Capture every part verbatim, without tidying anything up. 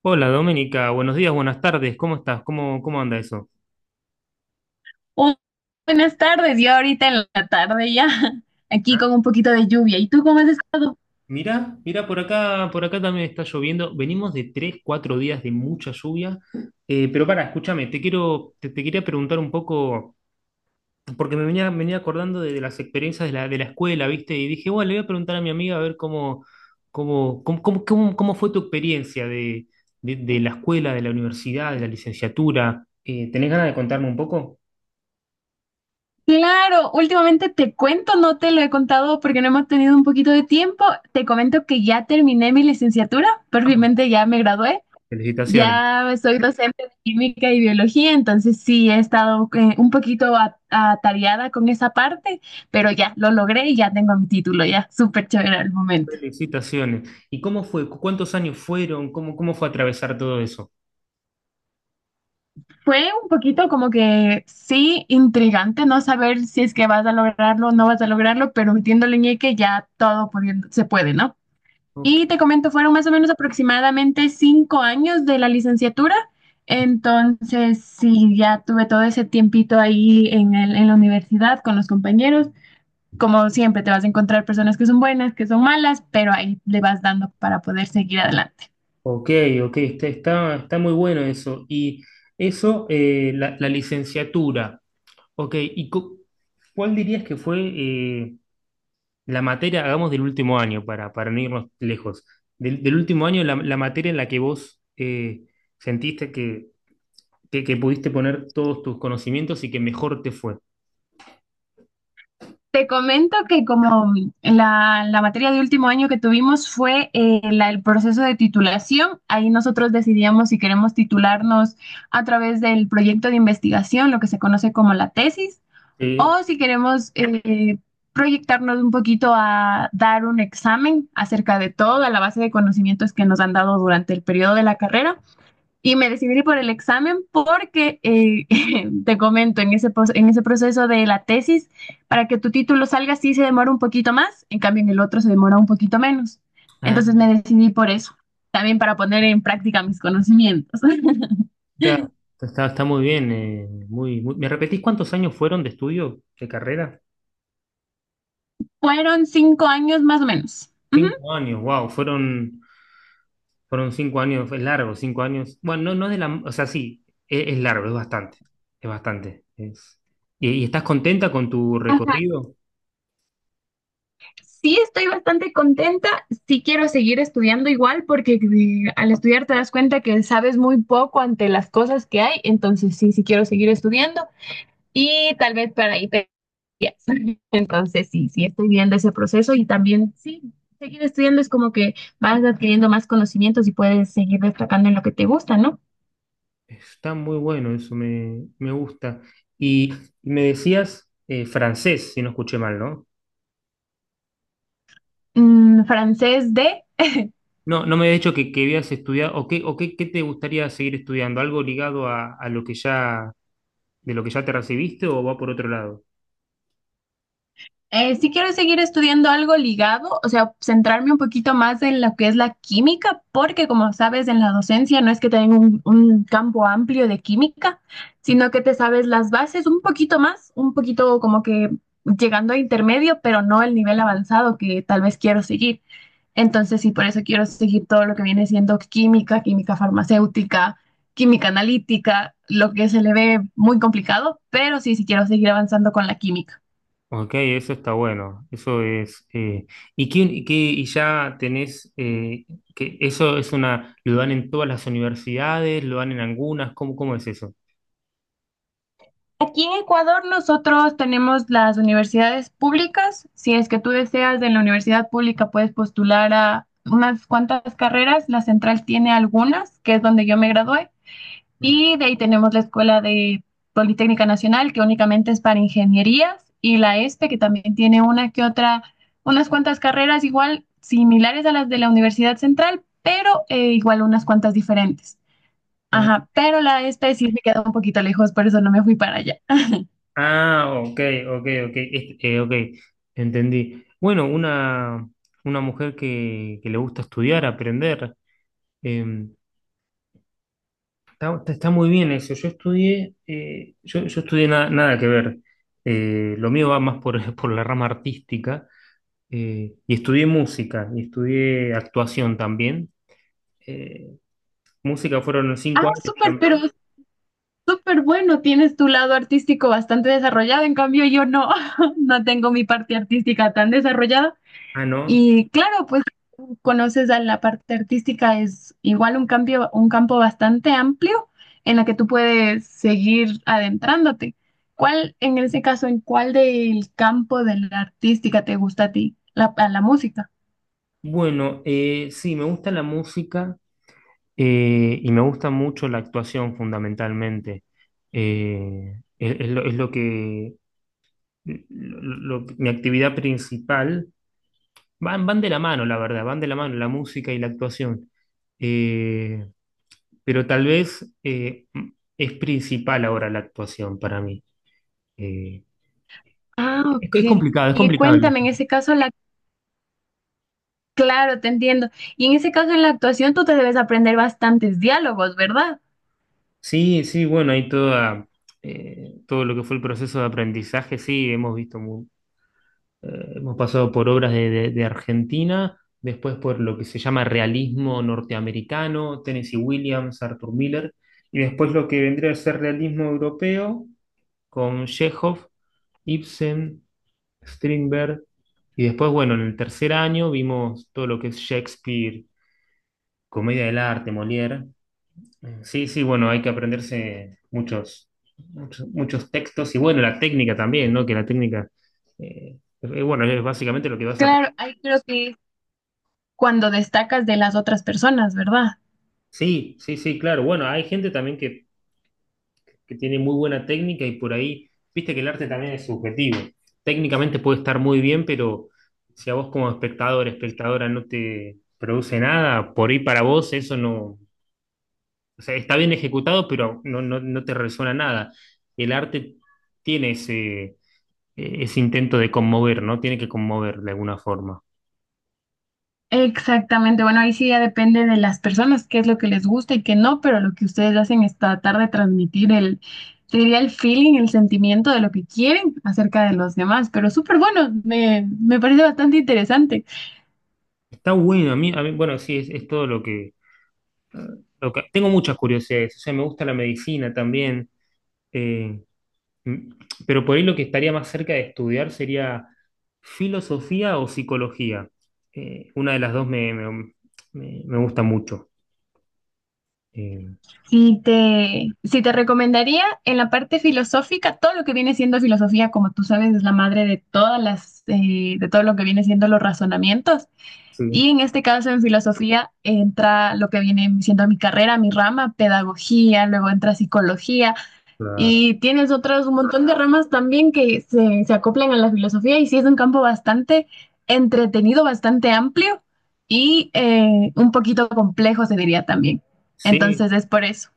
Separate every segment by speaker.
Speaker 1: Hola Doménica, buenos días, buenas tardes, ¿cómo estás? ¿Cómo, cómo anda eso?
Speaker 2: Oh, buenas tardes, yo ahorita en la tarde ya, aquí
Speaker 1: ¿Ah?
Speaker 2: con un poquito de lluvia. ¿Y tú cómo has estado?
Speaker 1: Mirá, mirá, por acá, por acá también está lloviendo. Venimos de tres, cuatro días de mucha lluvia. Eh, pero para, escúchame, te quiero, te, te quería preguntar un poco, porque me venía, me venía acordando de, de las experiencias de la, de la escuela, ¿viste? Y dije, bueno, le voy a preguntar a mi amiga a ver cómo, cómo, cómo, cómo, cómo- cómo fue tu experiencia de, de- de la escuela, de la universidad, de la licenciatura. Eh, ¿tenés ganas de contarme un poco?
Speaker 2: Claro, últimamente te cuento, no te lo he contado porque no hemos tenido un poquito de tiempo. Te comento que ya terminé mi licenciatura,
Speaker 1: Vamos.
Speaker 2: perfectamente ya me gradué,
Speaker 1: Felicitaciones.
Speaker 2: ya soy docente de química y biología, entonces sí he estado eh, un poquito a- atareada con esa parte, pero ya lo logré y ya tengo mi título, ya súper chévere al momento.
Speaker 1: Felicitaciones. ¿Y cómo fue? ¿Cu- ¿Cuántos años fueron? ¿Cómo, cómo fue atravesar todo eso?
Speaker 2: Fue un poquito como que sí, intrigante no saber si es que vas a lograrlo o no vas a lograrlo, pero metiéndole ñeque ya todo pudiendo- se puede, ¿no?
Speaker 1: Ok,
Speaker 2: Y te comento, fueron más o menos aproximadamente cinco años de la licenciatura, entonces sí, ya tuve todo ese tiempito ahí en el- en la universidad con los compañeros. Como siempre, te vas a encontrar personas que son buenas, que son malas, pero ahí le vas dando para poder seguir adelante.
Speaker 1: ok, ok. Está, está, está muy bueno eso. Y eso, eh, la, la licenciatura. Ok, ¿y cu- cuál dirías que fue eh, la materia, hagamos del último año, para, para no irnos lejos, del, del último año, la, la materia en la que vos eh, sentiste que, que, que pudiste poner todos tus conocimientos y que mejor te fue?
Speaker 2: Te comento que como la, la materia de último año que tuvimos fue eh, la- el proceso de titulación, ahí nosotros decidíamos si queremos titularnos a través del proyecto de investigación, lo que se conoce como la tesis,
Speaker 1: Sí.
Speaker 2: o si queremos eh, proyectarnos un poquito a dar un examen acerca de toda la base de conocimientos que nos han dado durante el periodo de la carrera. Y me decidí por el examen porque, eh, te comento, en ese, pos- en ese proceso de la tesis, para que tu título salga sí se demora un poquito más, en cambio en el otro se demora un poquito menos. Entonces me decidí por eso, también para poner en práctica mis conocimientos.
Speaker 1: Está, está, está muy bien. eh, muy, muy- ¿Me repetís cuántos años fueron de estudio, de carrera?
Speaker 2: Fueron cinco años más o menos. Ujú.
Speaker 1: Cinco años, wow, fueron, fueron cinco años, es largo, cinco años. Bueno, no, no es de la. O sea, sí, es, es largo, es bastante. Es bastante. es- ¿Y, y estás contenta con tu
Speaker 2: Ajá.
Speaker 1: recorrido?
Speaker 2: Sí, estoy bastante contenta. Sí quiero seguir estudiando igual porque eh, al estudiar te das cuenta que sabes muy poco ante las cosas que hay. Entonces, sí, sí quiero seguir estudiando y tal vez para ahí te... Yes. Entonces, sí, sí, estoy viendo ese proceso y también, sí, seguir estudiando es como que vas adquiriendo más conocimientos y puedes seguir destacando en lo que te gusta, ¿no?
Speaker 1: Está muy bueno, eso me, me gusta. Y me decías eh, francés, si no escuché mal, ¿no?
Speaker 2: Mm, francés de...
Speaker 1: No, no me habías dicho que, que habías estudiado, o, qué, o qué, qué te gustaría seguir estudiando, algo ligado a, a lo que ya de lo que ya te recibiste o va por otro lado?
Speaker 2: Eh, sí quiero seguir estudiando algo ligado, o sea, centrarme un poquito más en lo que es la química, porque como sabes, en la docencia no es que tenga un, un campo amplio de química, sino que te sabes las bases un poquito más, un poquito como que llegando a intermedio, pero no el nivel avanzado que tal vez quiero seguir. Entonces, sí, por eso quiero seguir todo lo que viene siendo química, química farmacéutica, química analítica, lo que se le ve muy complicado, pero sí, sí quiero seguir avanzando con la química.
Speaker 1: Ok, eso está bueno. Eso es. Eh, ¿y quién, y qué- ¿y ya tenés eh, que eso es una, lo dan en todas las universidades, lo dan en algunas? ¿Cómo, cómo es eso?
Speaker 2: Aquí en Ecuador nosotros tenemos las universidades públicas. Si es que tú deseas en la universidad pública puedes postular a unas cuantas carreras. La central tiene algunas, que es donde yo me gradué. Y de ahí tenemos la Escuela de Politécnica Nacional, que únicamente es para ingenierías, y la ESPE, que también tiene una que otra, unas cuantas carreras igual similares a las de la Universidad Central, pero eh, igual unas cuantas diferentes.
Speaker 1: Ah,
Speaker 2: Ajá, pero la ESPE sí me queda un poquito lejos, por eso no me fui para allá.
Speaker 1: ah, ok, ok, ok, es- eh, ok, entendí. Bueno, una, una mujer que, que le gusta estudiar, aprender. Está, está- está muy bien eso. Yo estudié, eh, yo, yo estudié na- nada que ver. Eh, lo mío va más por, por la rama artística. Eh, y estudié música, y estudié actuación también. Eh, Música fueron los
Speaker 2: Ah,
Speaker 1: cinco años
Speaker 2: súper, pero
Speaker 1: también.
Speaker 2: es súper bueno. Tienes tu lado artístico bastante desarrollado. En cambio, yo no, no tengo mi parte artística tan desarrollada.
Speaker 1: Ah, ¿no?
Speaker 2: Y claro, pues conoces a la parte artística es igual un cambio, un campo bastante amplio en la que tú puedes seguir adentrándote. ¿Cuál, en ese caso, en cuál del campo de la artística te gusta a ti? La, a la música.
Speaker 1: Bueno, eh, sí, me gusta la música eh, y me gusta mucho la actuación fundamentalmente. Eh, es, es lo, es lo que, lo- lo- lo- mi actividad principal. Van, van de la mano, la verdad, van de la mano la música y la actuación. Eh, pero tal vez eh, es principal ahora la actuación para mí. Eh,
Speaker 2: Ah,
Speaker 1: es, es
Speaker 2: ok.
Speaker 1: complicado, es
Speaker 2: Y
Speaker 1: complicado.
Speaker 2: cuéntame, en ese caso, la... Claro, te entiendo. Y en ese caso, en la actuación, tú te debes aprender bastantes diálogos, ¿verdad?
Speaker 1: Sí, sí, bueno, hay toda, eh, todo lo que fue el proceso de aprendizaje. Sí, hemos visto, mu- eh, hemos pasado por obras de, de- de Argentina, después por lo que se llama realismo norteamericano, Tennessee Williams, Arthur Miller, y después lo que vendría a ser realismo europeo con Chekhov, Ibsen, Strindberg. Y después, bueno, en el tercer año vimos todo lo que es Shakespeare, comedia del arte, Molière. Mm, sí, sí, bueno, hay que aprenderse muchos, muchos, muchos textos y bueno, la técnica también, ¿no? Que la técnica, eh, eh, bueno, es básicamente lo que vas a...
Speaker 2: Claro, ahí creo que es cuando destacas de las otras personas, ¿verdad?
Speaker 1: Sí, sí, sí, claro. Bueno, hay gente también que que tiene muy buena técnica y por ahí, viste que el arte también es subjetivo. Técnicamente puede estar muy bien, pero si a vos como espectador, espectadora no te produce nada, por ahí para vos eso no, o sea, está bien ejecutado, pero no, no, no te resuena nada. El arte tiene ese, ese intento de conmover, ¿no? Tiene que conmover de alguna forma.
Speaker 2: Exactamente. Bueno, ahí sí ya depende de las personas, qué es lo que les gusta y qué no, pero lo que ustedes hacen es tratar de transmitir el, sería el feeling, el sentimiento de lo que quieren acerca de los demás. Pero súper bueno, me, me parece bastante interesante.
Speaker 1: Está bueno, a mí, a mí bueno, sí, es, es todo lo que, lo que- tengo muchas curiosidades, o sea, me gusta la medicina también. eh, Mm, Pero por ahí lo que estaría más cerca de estudiar sería filosofía o psicología. Eh, una de las dos me, me- me- me gusta mucho. Eh,
Speaker 2: Sí te, sí te recomendaría en la parte filosófica, todo lo que viene siendo filosofía, como tú sabes, es la madre de todas las, eh, de todo lo que viene siendo los razonamientos. Y
Speaker 1: sí,
Speaker 2: en este caso, en filosofía, entra lo que viene siendo mi carrera, mi rama, pedagogía, luego entra psicología,
Speaker 1: claro.
Speaker 2: y tienes otros un montón de ramas también que se, se acoplan a la filosofía, y sí es un campo bastante entretenido, bastante amplio y eh, un poquito complejo, se diría también. Entonces
Speaker 1: Sí,
Speaker 2: es por eso.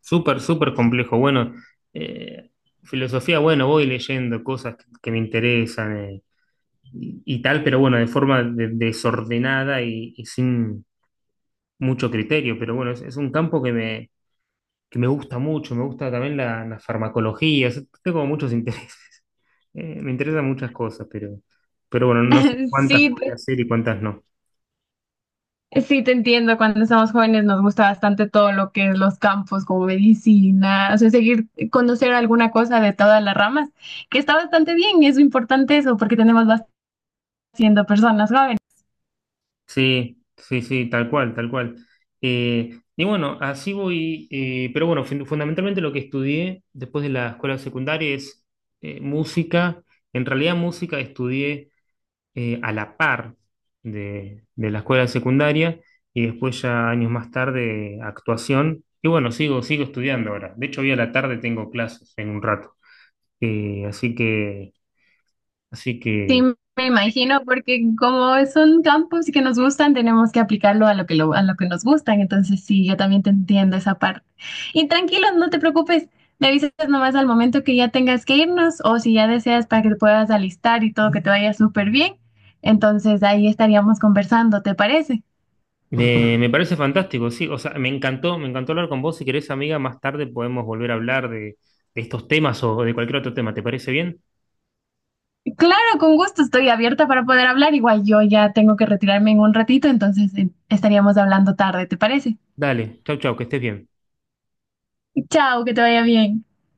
Speaker 1: súper, súper complejo. Bueno, eh, filosofía, bueno, voy leyendo cosas que, que me interesan eh, y, y tal, pero bueno, de forma de- desordenada y, y sin mucho criterio. Pero bueno, es, es un campo que me, que me gusta mucho, me gusta también la, la farmacología, o sea, tengo como muchos intereses. Eh, me interesan muchas cosas, pero, pero bueno, no sé cuántas
Speaker 2: Sí,
Speaker 1: podría
Speaker 2: te,
Speaker 1: hacer y cuántas no.
Speaker 2: sí te entiendo. Cuando somos jóvenes nos gusta bastante todo lo que es los campos como medicina, o sea, seguir conocer alguna cosa de todas las ramas, que está bastante bien y es importante eso porque tenemos bastante siendo personas jóvenes.
Speaker 1: Sí, sí, sí, tal cual, tal cual. Eh, y bueno, así voy, eh, pero bueno, fun- fundamentalmente lo que estudié después de la escuela secundaria es eh, música. En realidad música estudié eh, a la par de, de la escuela secundaria y después ya años más tarde actuación. Y bueno, sigo, sigo estudiando ahora. De hecho, hoy a la tarde tengo clases en un rato. Eh, así que, así
Speaker 2: Sí,
Speaker 1: que
Speaker 2: me imagino, porque como son campos que nos gustan, tenemos que aplicarlo a lo que lo, a lo que nos gustan. Entonces, sí, yo también te entiendo esa parte. Y tranquilo, no te preocupes. Me avisas nomás al momento que ya tengas que irnos o si ya deseas para que te puedas alistar y todo que te vaya súper bien. Entonces, ahí estaríamos conversando, ¿te parece?
Speaker 1: me, me parece fantástico, sí. O sea, me encantó, me encantó hablar con vos. Si querés, amiga, más tarde podemos volver a hablar de, de estos temas o de cualquier otro tema. ¿Te parece bien?
Speaker 2: Claro, con gusto, estoy abierta para poder hablar. Igual yo ya tengo que retirarme en un ratito, entonces eh, estaríamos hablando tarde, ¿te parece?
Speaker 1: Dale, chau, chau, que estés bien.
Speaker 2: Chao, que te vaya bien.